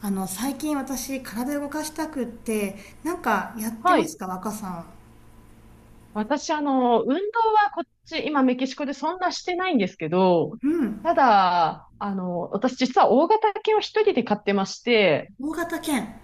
最近私、体動かしたくって、なんかやってはますい。か、若さ私、運動はこっち、今メキシコでそんなしてないんですけど、ん。うん。ただ、私実は大型犬を一人で飼ってまして、大型犬。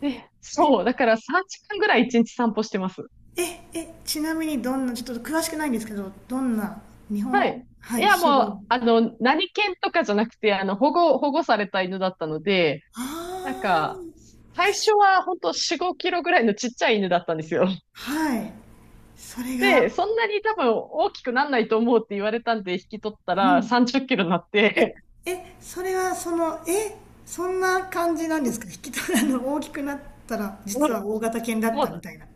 で、そう、だから3時間ぐらい一日散歩してます。え、ちなみにどんな、ちょっと詳しくないんですけど、どんな、日は本、い。いはい、や、種類。もう、何犬とかじゃなくて、保護された犬だったので、あなんあ、か、最初は本当4、5キロぐらいのちっちゃい犬だったんですよ。はい。それが、で、そんなに多分大きくなんないと思うって言われたんで引き取ったうらん。30キロになって、それはその、そんな感じなんですか、引き取らの大きくなったら、実は大型犬だ っもたみう、たいな。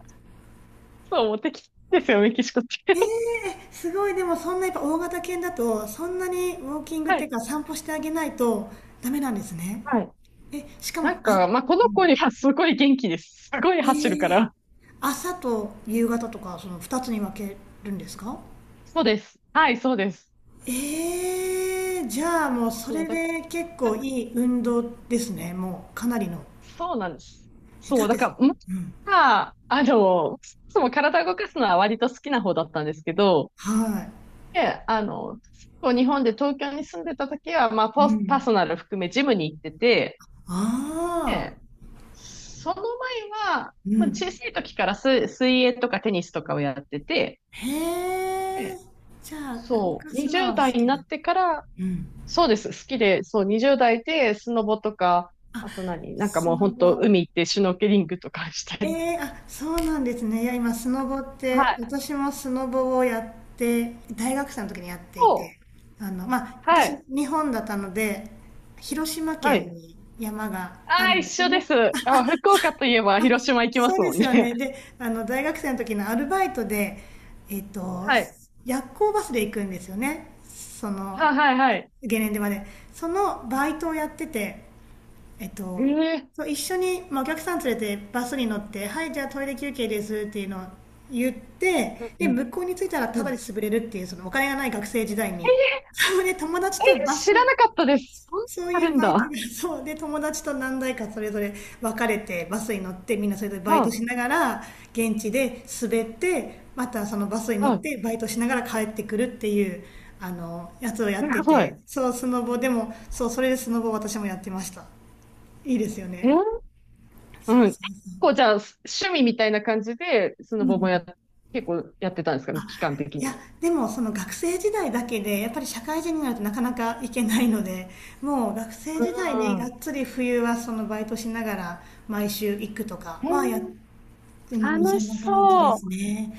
そう、もう敵ですよ、メキシコって。え え、すごい、でもそんなやっぱ大型犬だと、そんなにウォーキングっはていうい。か散歩してあげないとダメなんですね。はい。しかなも、んか、まあ、この子にはすごい元気です。すごいえ走るかえ、ら。朝と夕方とか、その2つに分けるんですか？そうです。はい、そうです。ええ、じゃあもうそそうれだ。で結構 いい運動ですね、もうかなりの。そうなんです。だそっう、だて、から、まあ、いつも体動かすのは割と好きな方だったんですけど、はい。で、そう日本で東京に住んでた時は、まあ、うポスパーん。ソナル含めジムに行ってて、ああ、で、その前は、うまあ、小ん。さい時から水泳とかテニスとかをやってて、へえ。で、じゃあ、動そかう、すのは20好代にきなだ。ってから、うん。そうです、好きで、そう、20代でスノボとか、あ、あと何、なんか砂もう本当、場。海行ってシュノーケリングとかしたえり。え、そうなんですね。いや、今、スノボっはて、い。私もスノボをやって、大学生の時にやっていそて、う、まあ、は私、い、日本だったので、広島は県い。に山がああるあ、ん一ですよ緒でね。す。あ、福岡といえば広島行きまそうすでもんすね。よね。で、大学生の時のアルバイトで、えっと、はい。夜行バスで行くんですよね。その、はい、はい、はい。ゲレンデまで。そのバイトをやってて、えっへと、え、そう一緒に、まあ、お客さん連れてバスに乗って「はい、じゃあトイレ休憩です」っていうのを言って、うん、でうん、向こうに着いたらたうだでん。潰れるっていう、そのお金がない学生時代に、そうで友達え、とバス、知らなかったです。そんなのそういあうるんバイトだ。が、そうで友達と何台かそれぞれ別れてバスに乗って、みんなそれぞれバイトしはながら現地で滑って、またそのバスにい、乗はっい。てバイトしながら帰ってくるっていう、あのやつをやってすごい。て、へそうスノボでも、そう、それでスノボ私もやってました。いいですよね。え、うん。こう、じゃあ、趣味みたいな感じで、スうノボもや、ん。結構やってたんですかね、期間的いにや、も。でもその学生時代だけで、やっぱり社会人になるとなかなか行けないので、もう学生う時代ね、がん。っつり冬はそのバイトしながら毎週行くとかへえ、はやっ、うん、そ楽しんな感じでそう。いすね。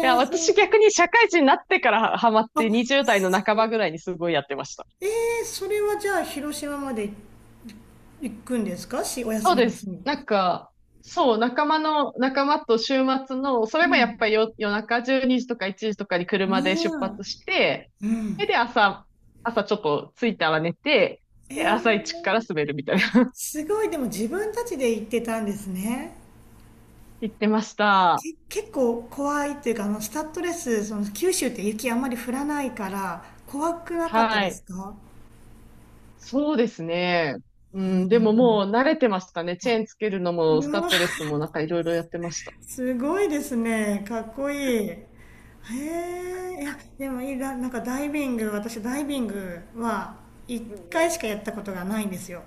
や、ー、そ私う、逆に社会人になってからハマっあ、て20代の半ばぐらいにすごいやってました。えー、それはじゃあ広島まで行くんですかし、おそ休うみので日す。に。なんか、そう、仲間と週末の、それうもやっん。ぱり夜中12時とか1時とかにあ車で出あ、発して、うそれん。で朝ちょっと着いたら寝て、えで、朝一からー、滑るみたいあ、な。すごい、でも自分たちで行ってたんですね。行ってました。け、結構怖いっていうか、スタッドレス、その、九州って雪あんまり降らないから、怖くなかったはですい。か？そうですね。うん、でももう慣れてましたね。チェーンつけるのも、うスタッわ、ドレスもなんかいろいろやってました。すごいですね。かっこいい。へえ、いや、でもいいな、なんかダイビング、私ダイビングは1うんうん。回しかやったことがないんですよ。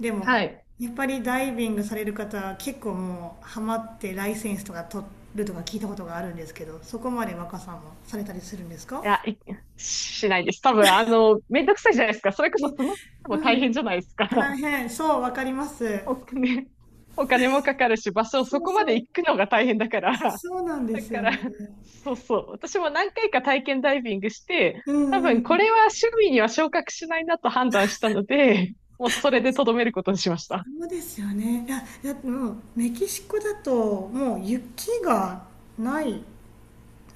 でも、はい。やっぱりダイビングされる方は結構もうハマってライセンスとか取るとか聞いたことがあるんですけど、そこまで若さんもされたりするんですか？いや、しないです。多分、めんどくさいじゃないですか。それこそね、その、もう大ん。変じゃないですか。大 変、そう、わかります。お金、お金もかかるし、場所、そそうこまそでう、行くのが大変だから。そうなんでだすかよら、ね。そうそう。私も何回か体験ダイビングして、う多ん、う分、ん、これは趣味には昇格しないなと判断したので、もうそれでとどめることにしました。そうですよね。いや、いや、もう、メキシコだと、もう雪がない、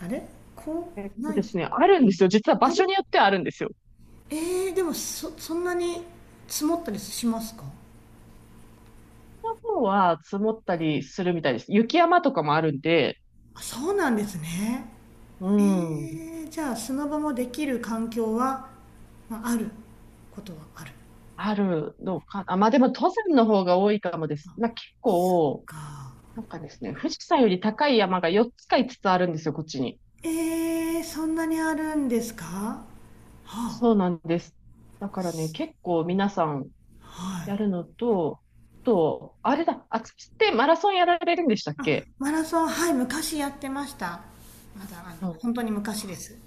あれ、こえっう、とない。あですね、あるんですよ。実は場所る、によってはあるんですよ。えー、でもそ、そんなに積もったりしますか？この方は積もったりするみたいです。雪山とかもあるんで、あ、そうなんですね。うえん、ー、じゃあ、砂場もできる環境は、まあ、あることはある。あるのかな。まあでも登山の方が多いかもです。まあ結そっ構、か。なんかですね、富士山より高い山が4つか5つつあるんですよ、こっちに。えー、そんなにあるんですか？はあ、そうなんです。だからね、結構皆さんはい。やるのと、あと、あれだ、あつきってマラソンやられるんでしたっあ、け？ マラソン、はい、昔やってました。まだ、本当に昔です。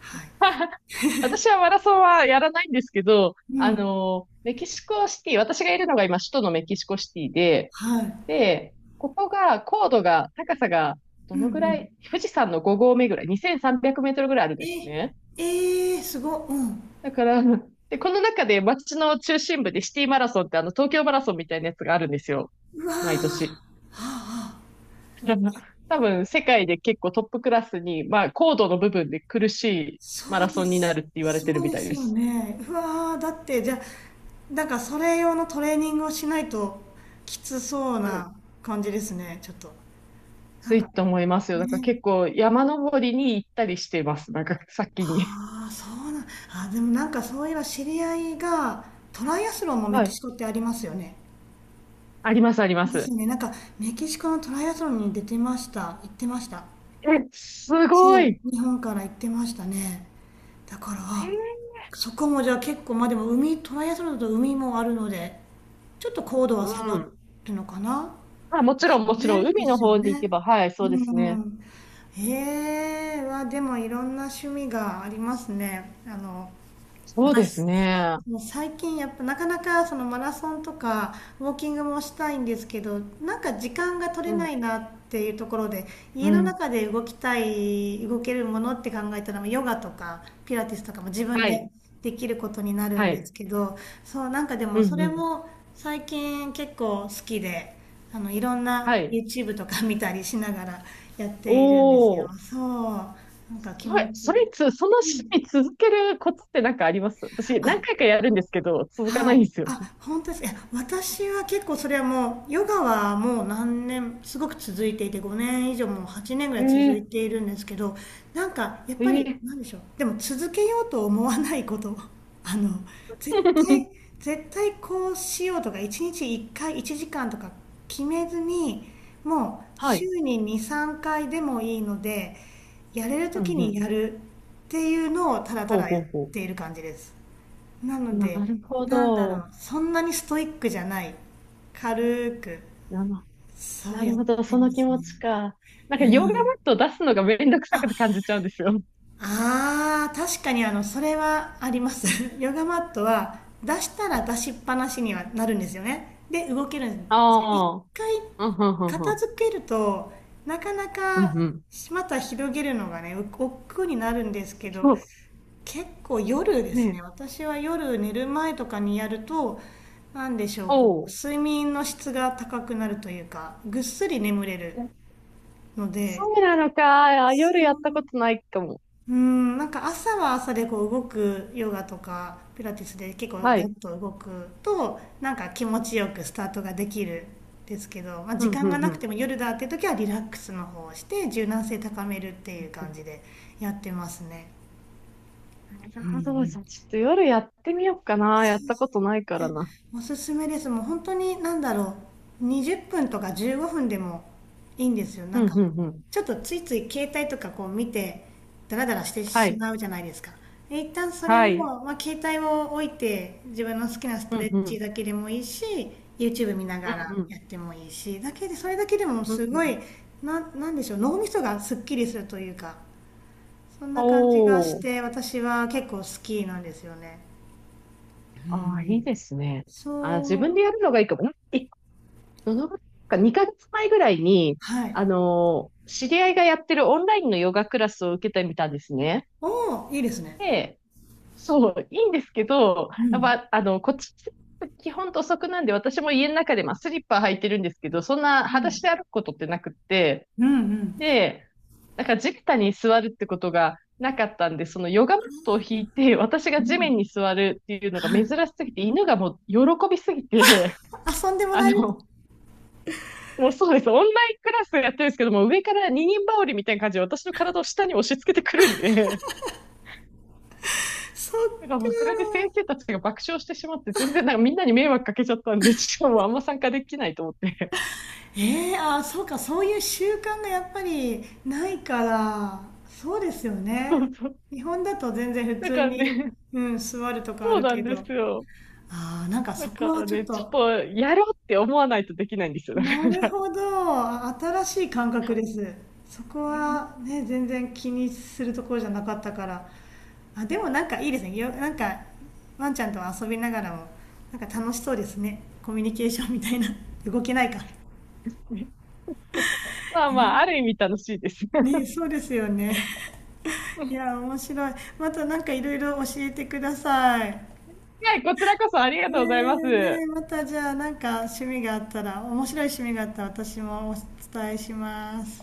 はい。私はマラソンはやらないんですけど、うん。メキシコシティ、私がいるのが今、首都のメキシコシティで、はい。で、ここが、高度が、高さが、どうん、うのぐらん。い、富士山の5合目ぐらい、2300メートルぐらいあるんえ、ですね。えー、すご、うん。だから、で、この中で街の中心部でシティマラソンって東京マラソンみたいなやつがあるんですよ。うわー、は毎あ、年。はあ、多分、世界で結構トップクラスに、まあ、高度の部分で苦しいマそラうでソンになす。るって言われそてるうみでたいすでよす。ね。うわー、だって、じゃあ、なんかそれ用のトレーニングをしないときつそうな感じですね、ちょっと。なつんか、いと思いますよ。だからね。結構山登りに行ったりしてます。なんか先に。ああ、そうなん、あ、でもなんかそういえば知り合いが、トライアスロンもメはキシい。コってありますよね。あります、ありまですす。よね。なんかメキシコのトライアスロンに出てました。行ってました。え、すごそい。う、日本から行ってましたね。だから、へあえ、そこもじゃあ結構、まあでも海、トライアスロンだと海もあるので、ちょっと高度うは下がん。るのかな、あ、もでちろすん、よもちろん、ね。で海のすよ方に行ね。けば、はい、うそうですね。ん。ええ、はでもいろんな趣味がありますね。そうです私、ね。もう最近やっぱなかなかそのマラソンとかウォーキングもしたいんですけど、なんか時間が取うれなん、いなっていうところで、う家のん。中で動きたい動けるものって考えたらヨガとかピラティスとかも自分はでい、できることになるはんでい。すけど、そうなんかでもうそん、うれん。も最近結構好きで、いろんはな い。YouTube とか見たりしながらやっているんですよ。おー。そうなんかす気ごい。持ちいそれい。つ、その趣味続けるコツってなんかあります？私、何回かやるんですけど、続かはない。いんですよ。あ、本当ですか。いや、私は結構それはもう、ヨガはもう何年、すごく続いていて、5年以上もう8年ぐらえい続いえているんですけど、なんか、やっえぱり、え。 なんでしょう。でも続けようと思わないこと。あの、絶対、絶対こうしようとか、1日1回、1時間とか決めずに、もうは週い。に2、3回でもいいので、やれるう時ん、うにやん。るっていうのをただたほうだやほっうほう。ている感じです。なのなで、るほなんだろど。う、そんなにストイックじゃない。軽く、なの、そなうやるっほど。てそまの気す持ね。ちか。なんか、うヨガマッん。トを出すのがめんどくさあ、く感じちゃうんですよ。ああ、確かにそれはあります。ヨガマットは出したら出しっぱなしにはなるんですよね。で、動けるんあですけど、一あ。回うん、うん、うん、う片ん。付けると、なかなうん、かうん。また広げるのがね、お億劫になるんですそけど、う。結構夜でねすね。え。私は夜寝る前とかにやると、なんでしょう、こう、おう。睡眠の質が高くなるというか、ぐっすり眠れるえ、のそで、うなのか。あ、夜やったことないかも。うん、なんか朝は朝でこう動くヨガとかピラティスで結構はガい。ッと動くとなんか気持ちよくスタートができるんですけど、まあ、う時ん、う間ん、がなうくてん。も夜だっていう時はリラックスの方をして柔軟性高めるっていうう感ん、じでやってますね。なるほど。じゃあ、ちょっと夜やってみようかな。やったことないからな。おすすめです、もう本当に何だろう、20分とか15分でもいいんですよ。うなんん、かうん、うん。ちょっとついつい携帯とかこう見てダラダラしてはしい。まうじゃないですか。で一旦それを、はい。まあ、携帯を置いて自分の好きなスうトレん、ッうチん。だけでもいいし、 YouTube 見なうがん、らうん。やってもいいし、だけでそれだけでもうん、すうごん。い、な、なんでしょう、脳みそがすっきりするというか、そんな感じがしおー。て私は結構好きなんですよね。ああ、いいですね。そあ、自分う、でやるのがいいかも。え、どのぐらいか、2ヶ月前ぐらいに、はい、知り合いがやってるオンラインのヨガクラスを受けてみたんですね。おお、いいですね。で、そう、いいんですけど、うやっん。ぱ、こっち、基本土足なんで、私も家の中で、まあ、スリッパ履いてるんですけど、そんなう裸ん。足で歩くことってなくって、うん、うん、で、なんか地べたに座るってことがなかったんで、そのヨガマットを引いて、私うが地ん。面に座るっていうのがは珍い。しすぎて、犬がもう喜びすぎて、遊んでもあらえる。の、もうそうです。オンラインクラスやってるんですけども、上から二人羽織みたいな感じで私の体を下に押し付けてくるんで、そっ だからもうそれか。で先生たちが爆笑してしまって、全然なんかみんなに迷惑かけちゃったんで、ちょっともうあんま参加できないと思って。ええ、あ、そうか、そういう習慣がやっぱりないから、そうですよ そね。うそう。日本だと全然普だ通からに、ね、うん、座るとかあそうるなけんでど、すよ。ああ、なんかだそこかはらちょっね、ちと、ょっとやろうって思わないとできないんですよ。だかなら。 るほど。新しい感覚です。そこはね、全然気にするところじゃなかったから。あ、でもなんかいいですね。よ、なんかワンちゃんと遊びながらも、なんか楽しそうですね。コミュニケーションみたいな。動けないか。まあまあ、ある意味楽しいですね。ね、そうですよね。いや、面白い。またなんかいろいろ教えてください。ねはい、こちらこそありえ、がとうございます。ねえ、またじゃあなんか趣味があったら、面白い趣味があったら私もお伝えします。